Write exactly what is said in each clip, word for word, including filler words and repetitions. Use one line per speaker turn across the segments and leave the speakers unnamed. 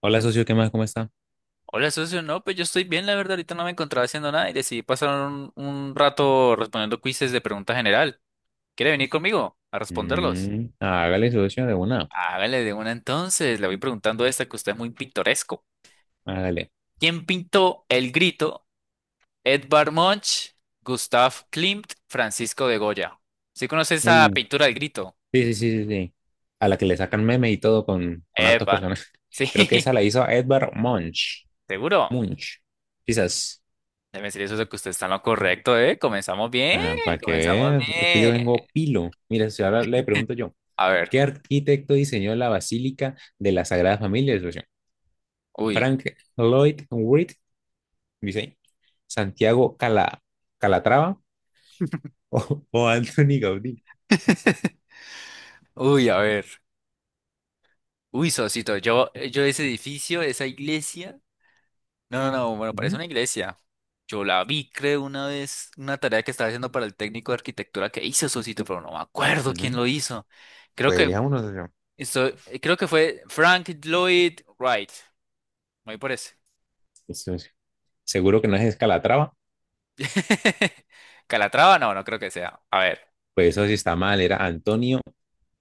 Hola, socio, ¿qué más? ¿Cómo está?
Hola, socio. No, pues yo estoy bien, la verdad. Ahorita no me encontraba haciendo nada y decidí pasar un, un rato respondiendo quizzes de pregunta general. ¿Quiere venir conmigo a responderlos?
Mm, hágale, socio, de una.
Hágale de una entonces. Le voy preguntando esta que usted es muy pintoresco.
Hágale.
¿Quién pintó El Grito? Edvard Munch, Gustav Klimt, Francisco de Goya. ¿Sí conoce esa
Uh,
pintura del Grito?
sí, sí, sí, sí, sí. A la que le sacan meme y todo con, con hartas
Epa.
personas. Creo que
Sí,
esa la hizo Edvard Munch.
seguro.
Munch. Quizás.
Debe decir eso de que usted está en lo correcto, ¿eh? Comenzamos bien,
Ah, ¿para qué?
comenzamos
Vea, es que yo
bien.
vengo pilo. Mira, si ahora le pregunto yo.
A ver,
¿Qué arquitecto diseñó la Basílica de la Sagrada Familia, socio?
uy.
Frank Lloyd Wright, dice ahí. Santiago Cala, Calatrava o, o Anthony Gaudí.
Uy, a ver. Uy, Sosito, yo, eh, yo ese edificio, esa iglesia. No, no, no, bueno, parece
Ujú,
una iglesia. Yo la vi, creo, una vez, una tarea que estaba haciendo para el técnico de arquitectura que hizo Sosito, pero no me acuerdo quién
ujú.
lo hizo. Creo
Pues
que
elijamos uno, socio.
esto- eh, creo que fue Frank Lloyd Wright. Me voy por ese.
Eso. Seguro que no es Escalatrava,
Calatrava, no, no creo que sea. A ver.
pues eso sí está mal, era Antonio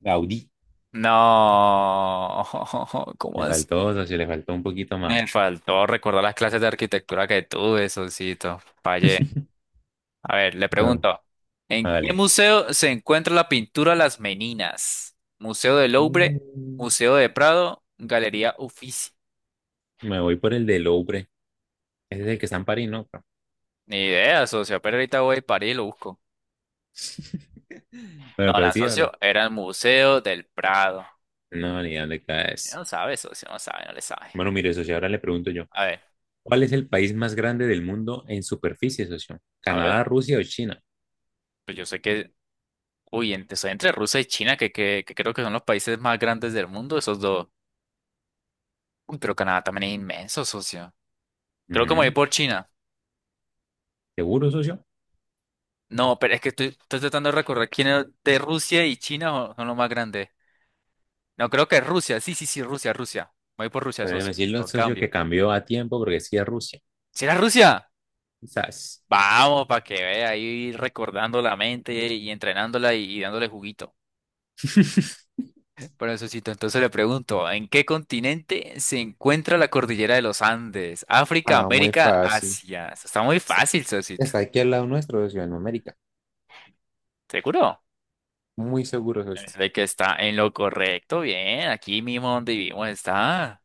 Gaudí.
No. ¿Cómo
Le
es?
faltó, socio, le faltó un poquito más.
Me faltó recordar las clases de arquitectura que tuve, Sosito. Fallé. A ver, le
Bueno,
pregunto, ¿en qué
vale.
museo se encuentra la pintura Las Meninas? ¿Museo del Louvre? ¿Museo de Prado? ¿Galería Uffizi?
Me voy por el de Louvre. Ese es el que está en París, ¿no?
Ni idea, socio, pero ahorita voy a París y lo busco.
Bueno,
No,
pero
la
sí o no.
socio, era el Museo del Prado.
No, ni dónde
No
caes.
sabe, socio, no sabe, no le sabe.
Bueno, mire, socio, ahora le pregunto yo.
A ver,
¿Cuál es el país más grande del mundo en superficie, socio?
a ver,
¿Canadá, Rusia o China?
pues yo sé que, uy, entre, soy entre Rusia y China, que, que, que creo que son los países más grandes del mundo, esos dos. Uy, pero Canadá también es inmenso, socio. Creo que me voy
Ujú.
por China.
¿Seguro, socio?
No, pero es que estoy, estoy tratando de recordar quién es de Rusia y China o- son los más grandes. No, creo que es Rusia. Sí, sí, sí, Rusia, Rusia. Voy por Rusia,
Pero déjeme
sos.
decirlo,
Lo
socio,
cambio.
que cambió a tiempo porque sí es Rusia.
¿Será Rusia?
Quizás.
Vamos, para que vea ahí recordando la mente y entrenándola y, y dándole juguito. Bueno, sosito, entonces le pregunto, ¿en qué continente se encuentra la cordillera de los Andes? África,
Ah, muy
América,
fácil.
Asia. Eso está muy
Está
fácil, Sosito.
está aquí al lado nuestro de Ciudad América.
¿Seguro?
Muy seguro,
Es
socio.
de que está en lo correcto, bien. Aquí mismo donde vivimos está.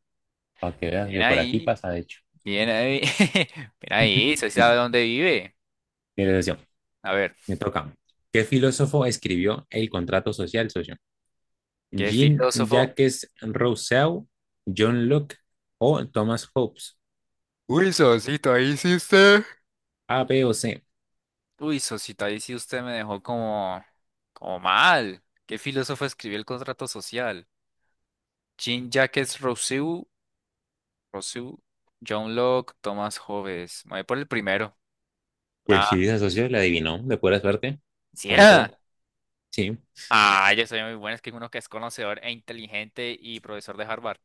Para que veas,
Bien
yo por aquí
ahí.
pasa, de hecho.
Bien ahí. Bien ahí, ¿se sabe dónde vive?
Mire, socio,
A ver,
me toca. ¿Qué filósofo escribió El contrato social, socio?
¿qué filósofo?
¿Jean-Jacques Rousseau, John Locke o Thomas Hobbes?
Uy, Sosito, ahí sí usted.
¿A, B o C?
Uy, Sosito, ahí sí usted me dejó como, como mal. ¿Qué filósofo escribió el contrato social? Jean-Jacques Rousseau, Rousseau, John Locke, Thomas Hobbes. Me voy por el primero. La
Pues sí,
A.
esa socio la adivinó, de pura suerte,
¿Sí
como
era?
todo. Sí,
Ah, yo soy muy bueno, es que uno que es conocedor e inteligente y profesor de Harvard.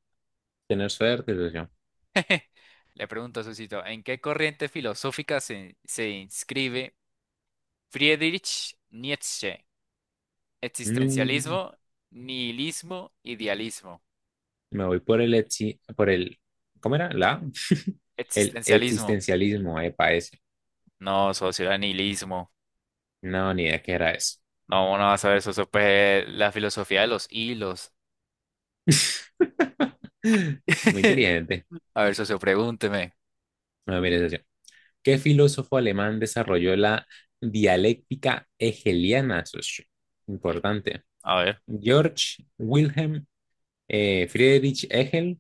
tener suerte, socio.
Le pregunto, Sosito, ¿en qué corriente filosófica se, se inscribe? Friedrich Nietzsche.
No,
Existencialismo, nihilismo, idealismo.
me voy por el, exi- por el, ¿cómo era? La, el
Existencialismo.
existencialismo, epa, ese.
No, socio, era nihilismo.
No, ni idea qué era eso.
No, no vas a ver, socio, pues la filosofía de los hilos.
Muy inteligente.
A ver, socio, pregúnteme.
Bueno, mire, socio, ¿qué filósofo alemán desarrolló la dialéctica hegeliana, socio? Importante.
A ver,
¿George Wilhelm, eh, Friedrich Hegel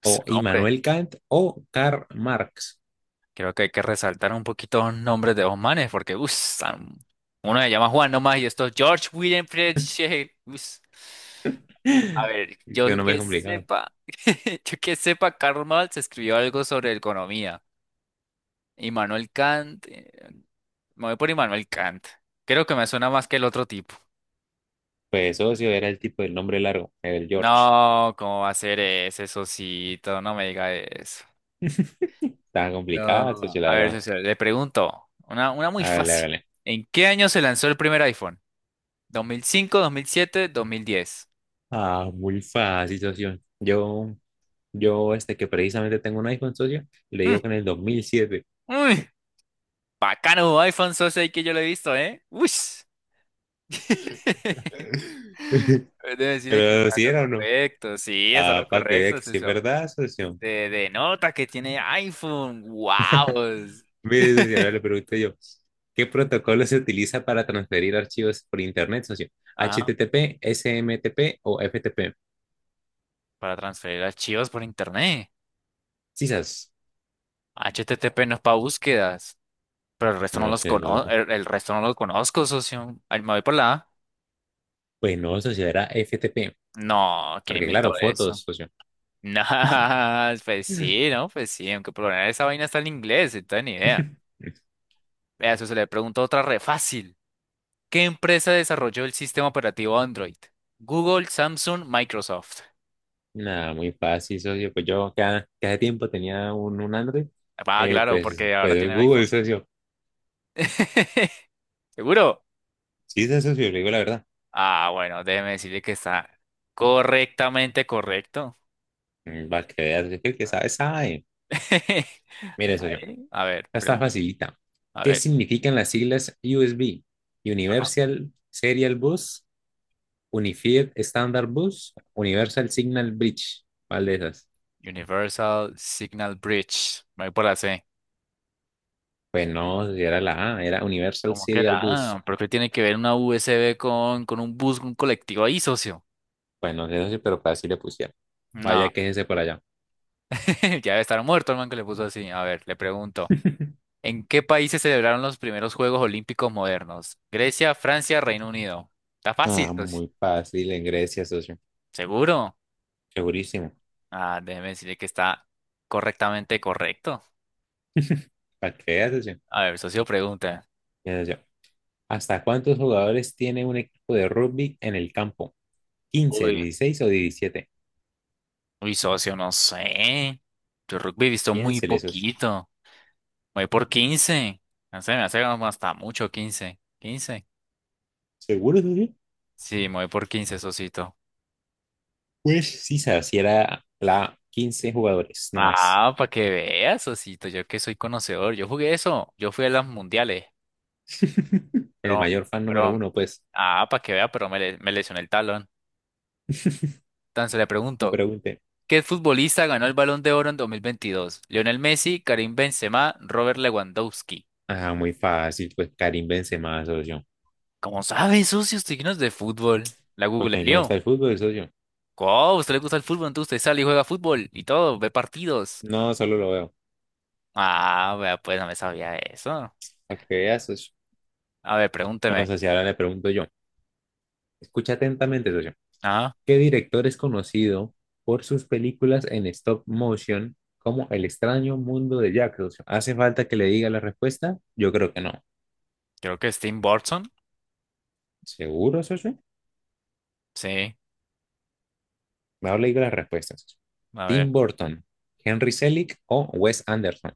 pues,
o
hombre,
Immanuel Kant o Karl Marx?
creo que hay que resaltar un poquito los nombres de los manes, porque uff, uno se llama Juan nomás y esto es George William Friedrich. Uss. A ver,
Es
yo
que no me es
que
complicado.
sepa, yo que sepa, Karl Marx escribió algo sobre economía. Immanuel Kant, eh, me voy por Immanuel Kant. Creo que me suena más que el otro tipo.
Pues socio era el tipo del nombre largo, el George.
No, ¿cómo va a ser ese socito? No me diga eso.
Estaba complicada,
No.
socio, la
A ver,
verdad.
socio, le pregunto, una, una muy
Hágale,
fácil.
hágale.
¿En qué año se lanzó el primer iPhone? ¿dos mil cinco, dos mil siete, dos mil diez?
Ah, muy fácil, socio. Yo Yo, este, que precisamente tengo un iPhone socio, le
Mm,
digo que en el dos mil siete.
uy, bacano iPhone, socio, ahí que yo lo he visto, ¿eh? Uy. Debe decirle que
Pero
está en
si
lo
era o no.
correcto, sí, está en lo
Ah, para que vea
correcto,
que sí es
eso.
verdad, socio.
Te denota que tiene iPhone, wow.
Mire, socio, ahora le pregunto yo. ¿Qué protocolo se utiliza para transferir archivos por internet, socio?
Ajá,
¿H T T P, S M T P o F T P?
para transferir archivos por internet.
Quizás.
HTTP no es para búsquedas, pero el, resto no
No
los
sé,
conozco,
socio.
el, el resto no lo conozco, socio. Ay, me voy por la A.
Pues no, socio, era F T P.
No, ¿quién
Porque
inventó
claro, fotos,
eso?
socio.
No, pues sí, ¿no? Pues sí, aunque por lo general esa vaina está en inglés, entonces ni idea. Vea, eso se le pregunta otra re fácil. ¿Qué empresa desarrolló el sistema operativo Android? Google, Samsung, Microsoft.
Nada, muy fácil, socio. Pues yo cada, cada tiempo tenía un, un Android,
Ah,
eh,
claro,
pues,
porque ahora
pues
tienen
Google,
iPhone.
socio.
¿Seguro?
Sí, sí, socio, le digo la verdad.
Ah, bueno, déjeme decirle que está correctamente correcto.
Mm, va a creer, es que el que sabe, sabe. Mire, socio,
Ahí. A ver,
esta está
pregúnteme.
facilita.
A
¿Qué
ver.
significan las siglas U S B?
Ajá.
Universal Serial Bus, Unified Standard Bus, Universal Signal Bridge. ¿Cuál de esas?
Universal Signal Bridge. Me voy por la C.
Pues no, socio, era la A, era Universal
¿Cómo que
Serial
la
Bus.
A? ¿Por qué tiene que ver una U S B con, con un bus, un colectivo ahí, socio?
Pues no sé, socio, pero así le pusieron.
No.
Vaya, quéjese por allá.
Ya debe estar muerto el man que le puso así. A ver, le pregunto. ¿En qué país se celebraron los primeros Juegos Olímpicos modernos? Grecia, Francia, Reino Unido. Está fácil,
Ah,
pues.
muy fácil, en Grecia, socio.
¿Seguro?
Segurísimo.
Ah, déjeme decirle que está correctamente correcto.
Para que veas, socio.
A ver, socio pregunta.
Mira, socio, ¿hasta cuántos jugadores tiene un equipo de rugby en el campo? ¿Quince,
Uy,
dieciséis o diecisiete?
uy, socio, no sé. Yo rugby he visto muy
Piénsele, socio.
poquito. Me voy por quince. No sé, me hace como hasta mucho quince, ¿quince?
¿Seguro, socio?
Sí, me voy por quince, socito.
Pues sí, se si era la quince jugadores, no más.
Ah, para que veas, socito. Yo que soy conocedor. Yo jugué eso. Yo fui a las mundiales.
El
Pero,
mayor fan número
pero,
uno, pues.
ah, para que vea, pero me, le- me lesioné el talón. Entonces le
No
pregunto,
pregunte.
¿qué futbolista ganó el Balón de Oro en dos mil veintidós? Lionel Messi, Karim Benzema, Robert Lewandowski.
Ah, muy fácil, pues Karim Benzema, socio.
¿Cómo sabe, socio? Usted que no es de fútbol. La
Porque a mí me
googleo.
gusta el fútbol, socio.
¿Cómo? ¿Usted le gusta el fútbol? Entonces usted sale y juega fútbol y todo, ve partidos.
No, solo lo veo.
Ah, vea, pues no me sabía eso.
Para que veas, socio.
A ver,
Bueno,
pregúnteme.
socio, ahora le pregunto yo. Escucha atentamente, socio.
Ah,
¿Qué director es conocido por sus películas en stop motion como El extraño mundo de Jack? O sea, ¿hace falta que le diga la respuesta? Yo creo que no.
creo que es Tim Burton.
¿Seguro, socio?
Sí,
No le digo las respuestas, socio.
a ver.
Tim Burton, Henry Selick o Wes Anderson.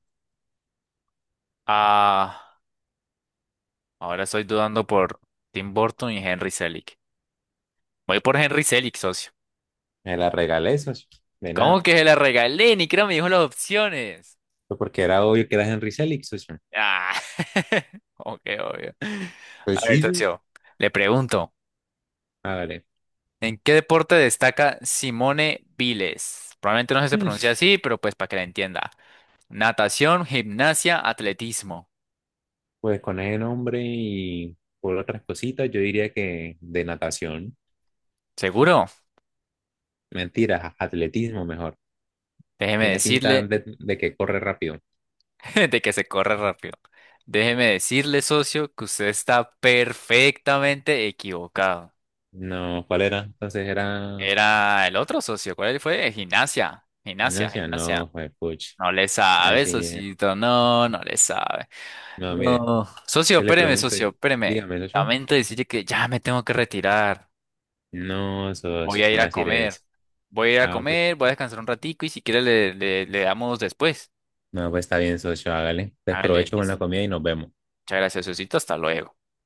Ah, ahora estoy dudando por Tim Burton y Henry Selick. Voy por Henry Selick, socio.
Me la regalé, socio. De
¿Cómo
nada.
que se la regalé? Ni creo me dijo las opciones.
Pues porque era obvio que era Henry Selick, socio.
Ah, ok, obvio. A
Pues
ver,
sí, socio.
socio, le pregunto,
Hágale.
¿en qué deporte destaca Simone Biles? Probablemente no si se pronuncia
Mm.
así, pero pues para que la entienda. Natación, gimnasia, atletismo.
Pues con ese nombre y por otras cositas, yo diría que de natación.
¿Seguro?
Mentiras, atletismo mejor.
Déjeme
Tiene pinta
decirle,
de, de que corre rápido.
de que se corre rápido. Déjeme decirle, socio, que usted está perfectamente equivocado.
No, ¿cuál era? Entonces era
Era el otro socio, ¿cuál fue? Gimnasia, gimnasia,
Ignacia.
gimnasia.
No, fue Puch.
No le
Ay,
sabe,
sí, ni idea.
socito, no, no le sabe.
No, mire,
No. Socio,
¿qué le
espéreme,
pregunto?
socio, espéreme.
Dígame, socio.
Lamento decirle que ya me tengo que retirar.
No,
Voy
socio,
a ir
¿cómo va a
a
decir
comer.
eso?
Voy a ir a
Ah, pues,
comer, voy a descansar un ratico y si quiere le, le, le damos después.
no, pues está bien, socio, hágale.
Hágale,
Desprovecho con la
listo.
comida y nos vemos.
Muchas gracias, socito, hasta luego.